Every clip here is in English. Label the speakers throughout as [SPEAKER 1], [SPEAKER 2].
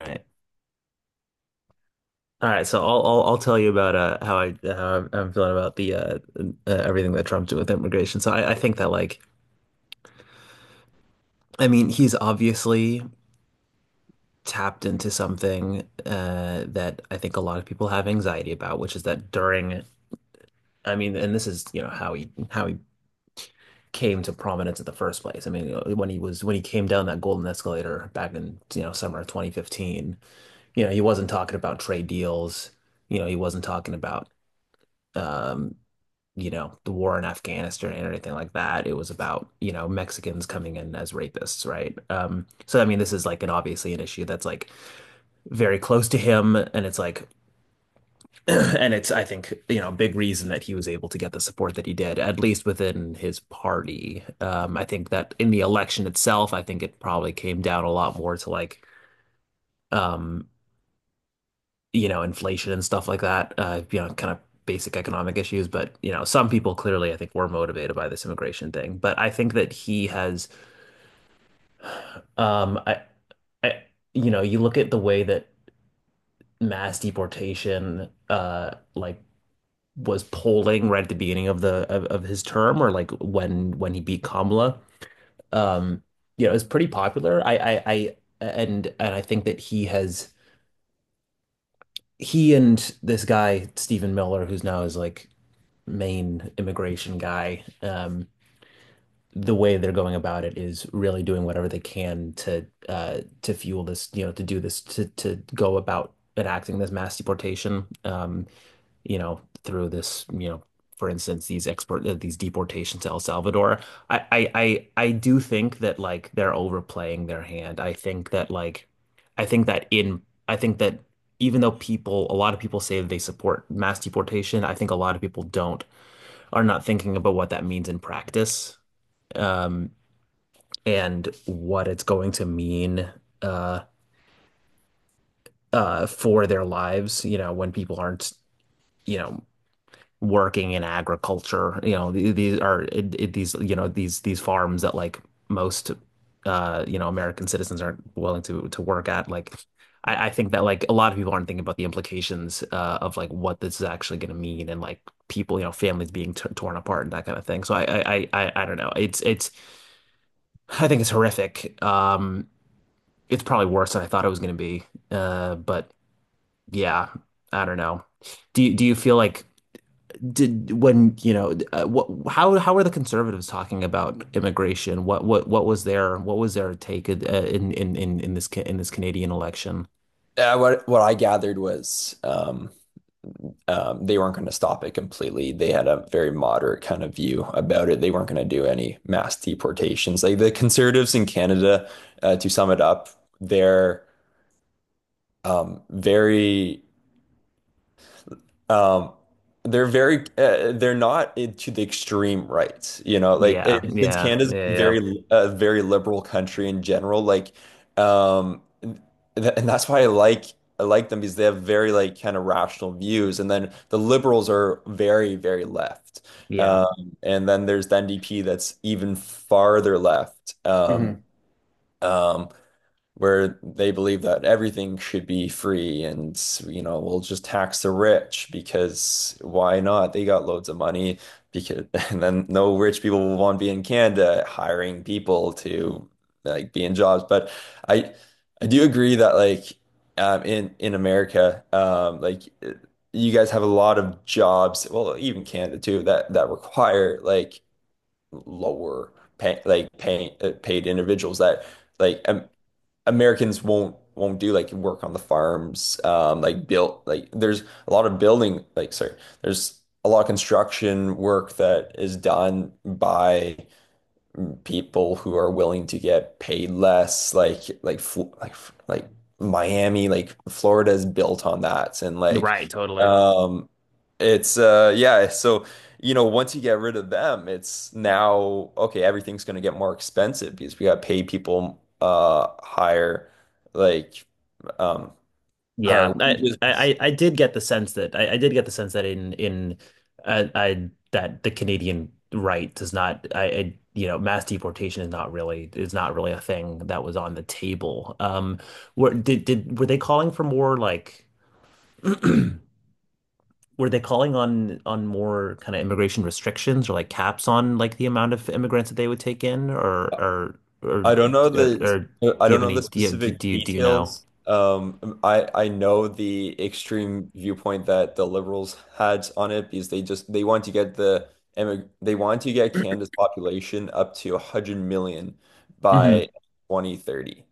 [SPEAKER 1] Right. All right, so I'll tell you about how I I'm feeling about the everything that Trump did with immigration. So I think that like, he's obviously tapped into something that I think a lot of people have anxiety about, which is that during I mean, and this is how he came to prominence in the first place. I mean, you know, when he was when he came down that golden escalator back in summer of 2015. You know, he wasn't talking about trade deals. You know, he wasn't talking about. Um, you know, the war in Afghanistan and anything like that. It was about, you know, Mexicans coming in as rapists, right? So I mean, this is like an obviously an issue that's like very close to him, and it's like, and it's, I think, you know, a big reason that he was able to get the support that he did, at least within his party. I think that in the election itself, I think it probably came down a lot more to like, um, you know, inflation and stuff like that, you know, kind of basic economic issues. But, you know, some people clearly, I think, were motivated by this immigration thing. But I think that he has, um, I, I, you know, you look at the way that mass deportation, was polling right at the beginning of of his term, or like when he beat Kamala, um, you know, it's pretty popular. I, and I think that he and this guy Stephen Miller, who's now his like main immigration guy, the way they're going about it is really doing whatever they can to fuel this, you know, to do this, to go about enacting this mass deportation, you know, through this, you know, for instance, these export these deportations to El Salvador. I do think that like they're overplaying their hand. I think that like I think that in I think that even though people, a lot of people say that they support mass deportation, I think a lot of people don't are not thinking about what that means in practice, um, and what it's going to mean uh, for their lives. You know, when people aren't, you know, working in agriculture, you know, these are these, you know, these farms that like most you know, American citizens aren't willing to work at. Like, I think that like a lot of people aren't thinking about the implications of like what this is actually going to mean, and like people, you know, families being t torn apart and that kind of thing. So I don't know. It's I think it's horrific. It's probably worse than I thought it was going to be. But yeah, I don't know. Do you feel like did when you know what how are the conservatives talking about immigration? What what was their what was their take in in this Canadian election?
[SPEAKER 2] What I gathered was they weren't going to stop it completely. They had a very moderate kind of view about it. They weren't going to do any mass deportations. Like the conservatives in Canada, to sum it up, they're very Um, they're very they're not to the extreme right, you know, like
[SPEAKER 1] Yeah,
[SPEAKER 2] since
[SPEAKER 1] yeah,
[SPEAKER 2] Canada's
[SPEAKER 1] yeah, yeah,
[SPEAKER 2] very a very liberal country in general, like um and that's why I like them because they have very like kind of rational views, and then the liberals are very very left.
[SPEAKER 1] yeah.
[SPEAKER 2] And then there's the NDP that's even farther left.
[SPEAKER 1] Mhm.
[SPEAKER 2] Um where they believe that everything should be free, and we'll just tax the rich, because why not? They got loads of money, because and then no rich people will want to be in Canada hiring people to like be in jobs. But I I do agree that like in America like you guys have a lot of jobs, well even Canada too, that require like lower paid individuals that like Americans won't do, like, work on the farms, like build like there's a lot of building, like, sorry, there's a lot of construction work that is done by people who are willing to get paid less, like like Miami, like Florida is built on that. And like
[SPEAKER 1] Right, totally.
[SPEAKER 2] um it's yeah, so once you get rid of them, it's now okay, everything's going to get more expensive because we got to pay people higher, like, um
[SPEAKER 1] Yeah,
[SPEAKER 2] higher wages.
[SPEAKER 1] I did get the sense that I did get the sense that in I that the Canadian right does not, I, I you know, mass deportation is not really a thing that was on the table. Were did were they calling for more like were they calling on more kind of immigration restrictions or like caps on like the amount of immigrants that they would take in or or or
[SPEAKER 2] I don't know
[SPEAKER 1] or,
[SPEAKER 2] the
[SPEAKER 1] or do
[SPEAKER 2] I
[SPEAKER 1] you
[SPEAKER 2] don't
[SPEAKER 1] have
[SPEAKER 2] know
[SPEAKER 1] any
[SPEAKER 2] the
[SPEAKER 1] do you
[SPEAKER 2] specific
[SPEAKER 1] do you, do you know?
[SPEAKER 2] details. I know the extreme viewpoint that the liberals had on it, because they just they want to get the emi- they want to get Canada's population up to 100 million
[SPEAKER 1] Mm-hmm.
[SPEAKER 2] by 2030.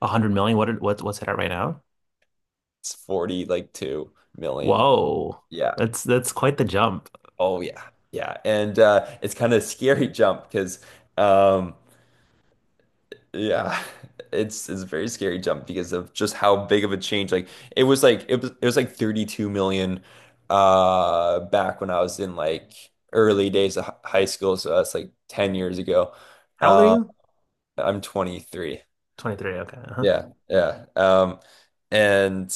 [SPEAKER 1] 100 million? What what's it at right now?
[SPEAKER 2] It's 40 like 2 million.
[SPEAKER 1] Whoa.
[SPEAKER 2] Yeah.
[SPEAKER 1] That's quite the jump.
[SPEAKER 2] Oh yeah. Yeah. And it's kind of a scary jump because um, yeah, it's a very scary jump because of just how big of a change. Like it was like 32 million back when I was in like early days of high school, so that's like 10 years ago.
[SPEAKER 1] How old are
[SPEAKER 2] Uh,
[SPEAKER 1] you?
[SPEAKER 2] I'm 23.
[SPEAKER 1] 23. Okay. Uh-huh.
[SPEAKER 2] Yeah, yeah. And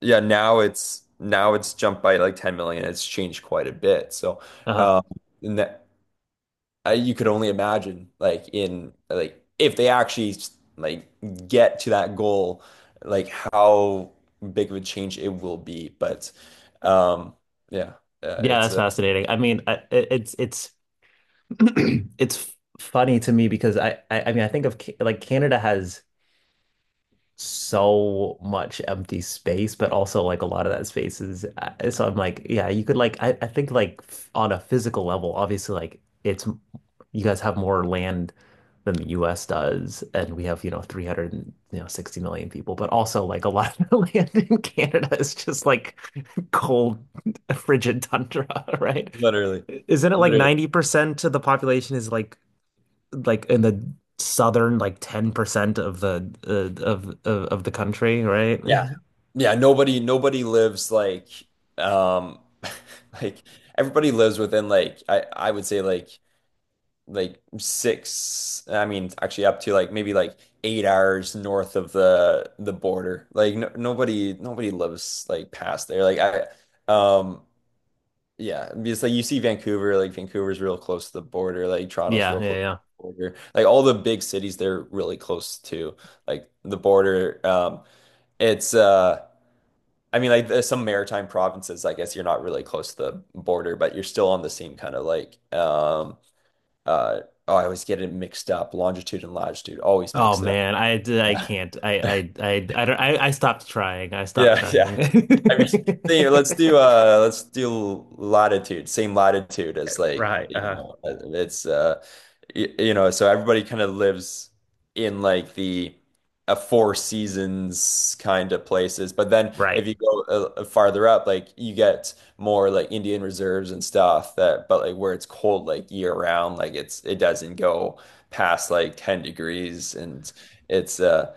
[SPEAKER 2] yeah, now it's jumped by like 10 million. It's changed quite a bit. So
[SPEAKER 1] Uh-huh.
[SPEAKER 2] um and that, you could only imagine like in like if they actually like get to that goal, like how big of a change it will be, but um yeah
[SPEAKER 1] Yeah,
[SPEAKER 2] it's
[SPEAKER 1] that's fascinating. I mean, it's it's funny to me because I mean, I think of Canada has so much empty space, but also like a lot of that space is so I'm like, yeah, you could like I think like on a physical level, obviously like it's you guys have more land than the US does, and we have, you know, 300, and, you know, 60 million people, but also like a lot of the land in Canada is just like cold, frigid tundra, right?
[SPEAKER 2] literally
[SPEAKER 1] Isn't it like
[SPEAKER 2] literally
[SPEAKER 1] 90% of the population is like in the southern like 10% of of the country, right?
[SPEAKER 2] yeah, yeah, nobody lives like, um like everybody lives within like I would say like six, I mean, actually up to like maybe like 8 hours north of the border. Like no, nobody lives like past there. Like I um yeah, because like you see Vancouver, like Vancouver's real close to the border, like Toronto's
[SPEAKER 1] Yeah,
[SPEAKER 2] real
[SPEAKER 1] yeah,
[SPEAKER 2] close to
[SPEAKER 1] yeah.
[SPEAKER 2] the border. Like all the big cities, they're really close to, like, the border. It's I mean, like, there's some maritime provinces, I guess you're not really close to the border, but you're still on the same kind of, like, uh, oh, I always get it mixed up. Longitude and latitude, always
[SPEAKER 1] Oh
[SPEAKER 2] mix it up.
[SPEAKER 1] man, I can't. I don't, I stopped trying. I stopped
[SPEAKER 2] Yeah,
[SPEAKER 1] trying.
[SPEAKER 2] yeah. I mean, let's do latitude, same latitude as, like,
[SPEAKER 1] Right.
[SPEAKER 2] you know, you know, so everybody kind of lives in like the a four seasons kind of places. But then
[SPEAKER 1] Right.
[SPEAKER 2] if you go farther up, like you get more like Indian reserves and stuff, that but like where it's cold like year round, like it doesn't go past like 10 degrees, and it's uh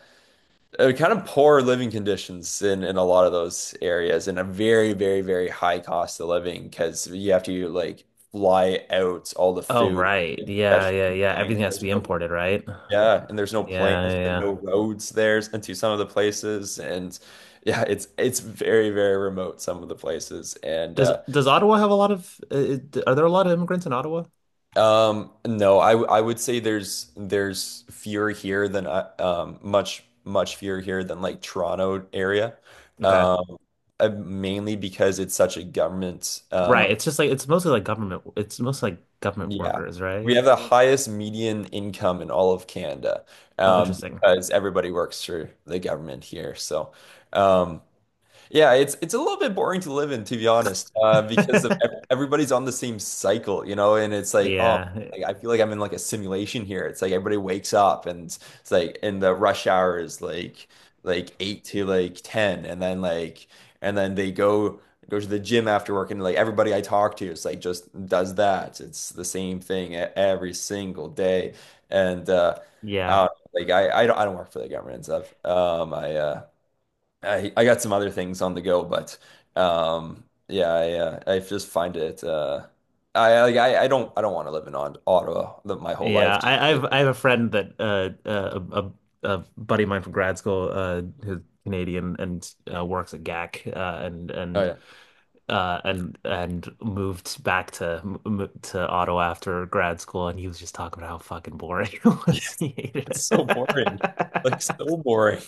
[SPEAKER 2] uh, kind of poor living conditions in a lot of those areas, and a very very very high cost of living, because you have to like fly out all the
[SPEAKER 1] Oh,
[SPEAKER 2] food,
[SPEAKER 1] right. Yeah, yeah,
[SPEAKER 2] especially
[SPEAKER 1] yeah.
[SPEAKER 2] planes.
[SPEAKER 1] Everything has to
[SPEAKER 2] There's
[SPEAKER 1] be
[SPEAKER 2] no
[SPEAKER 1] imported, right?
[SPEAKER 2] yeah, and there's no
[SPEAKER 1] Yeah,
[SPEAKER 2] plane, there's
[SPEAKER 1] yeah, yeah.
[SPEAKER 2] no roads there into some of the places, and yeah, it's very very remote, some of the places, and
[SPEAKER 1] Does Ottawa have a lot of are there a lot of immigrants in Ottawa?
[SPEAKER 2] No, I would say there's fewer here than much much fewer here than like Toronto area,
[SPEAKER 1] Okay.
[SPEAKER 2] um mainly because it's such a government
[SPEAKER 1] Right. It's just like it's mostly like government, it's mostly like government
[SPEAKER 2] yeah,
[SPEAKER 1] workers,
[SPEAKER 2] we
[SPEAKER 1] right?
[SPEAKER 2] have the highest median income in all of Canada,
[SPEAKER 1] Oh, interesting.
[SPEAKER 2] because everybody works for the government here, so um yeah, it's a little bit boring to live in, to be honest, because of everybody's on the same cycle, and it's like, oh,
[SPEAKER 1] Yeah,
[SPEAKER 2] like I feel like I'm in like a simulation here. It's like everybody wakes up, and it's like, and the rush hour is like eight to like ten, and then like and then they go to the gym after work, and like everybody I talk to is like just does that. It's the same thing every single day, and
[SPEAKER 1] yeah,
[SPEAKER 2] I don't, like I don't work for the government and stuff. I got some other things on the go, but yeah, I just find it I like I don't want to live in Ottawa my whole life.
[SPEAKER 1] yeah. I have a friend that a buddy of mine from grad school who's Canadian and works at GAC uh, and
[SPEAKER 2] Oh
[SPEAKER 1] and
[SPEAKER 2] yeah.
[SPEAKER 1] uh and and moved back to to Ottawa after grad school, and he was just talking about how fucking boring it was. He
[SPEAKER 2] It's
[SPEAKER 1] hated
[SPEAKER 2] so boring.
[SPEAKER 1] it.
[SPEAKER 2] Like, so boring.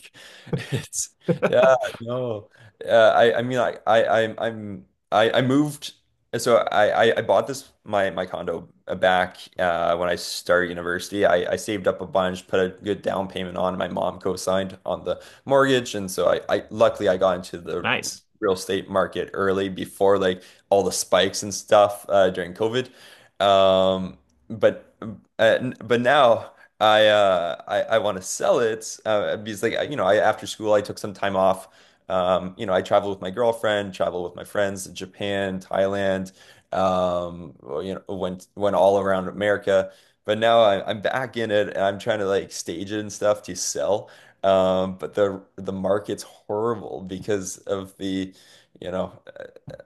[SPEAKER 2] It's yeah, no. I mean, I I'm I moved. So I bought this my my condo, back when I started university. I saved up a bunch, put a good down payment on. My mom co-signed on the mortgage, and so I luckily I got into the
[SPEAKER 1] Nice.
[SPEAKER 2] real estate market early, before like all the spikes and stuff during COVID. Um but but now I want to sell it, because I, after school, I took some time off, I traveled with my girlfriend, traveled with my friends, Japan, Thailand, well, went all around America. But now I'm back in it, and I'm trying to like stage it and stuff to sell, but the market's horrible because of the, you know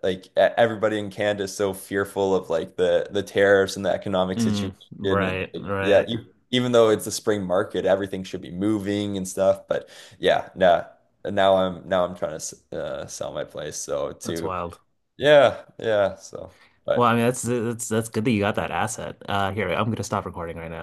[SPEAKER 2] like everybody in Canada is so fearful of like the tariffs and the economic
[SPEAKER 1] Mm,
[SPEAKER 2] situation, and
[SPEAKER 1] right,
[SPEAKER 2] like, yeah,
[SPEAKER 1] right.
[SPEAKER 2] even though it's the spring market, everything should be moving and stuff, but yeah, nah, now I'm trying to sell my place, so
[SPEAKER 1] That's
[SPEAKER 2] to,
[SPEAKER 1] wild.
[SPEAKER 2] yeah, yeah, so,
[SPEAKER 1] Well,
[SPEAKER 2] but
[SPEAKER 1] I mean, that's good that you got that asset. Here, I'm gonna stop recording right now.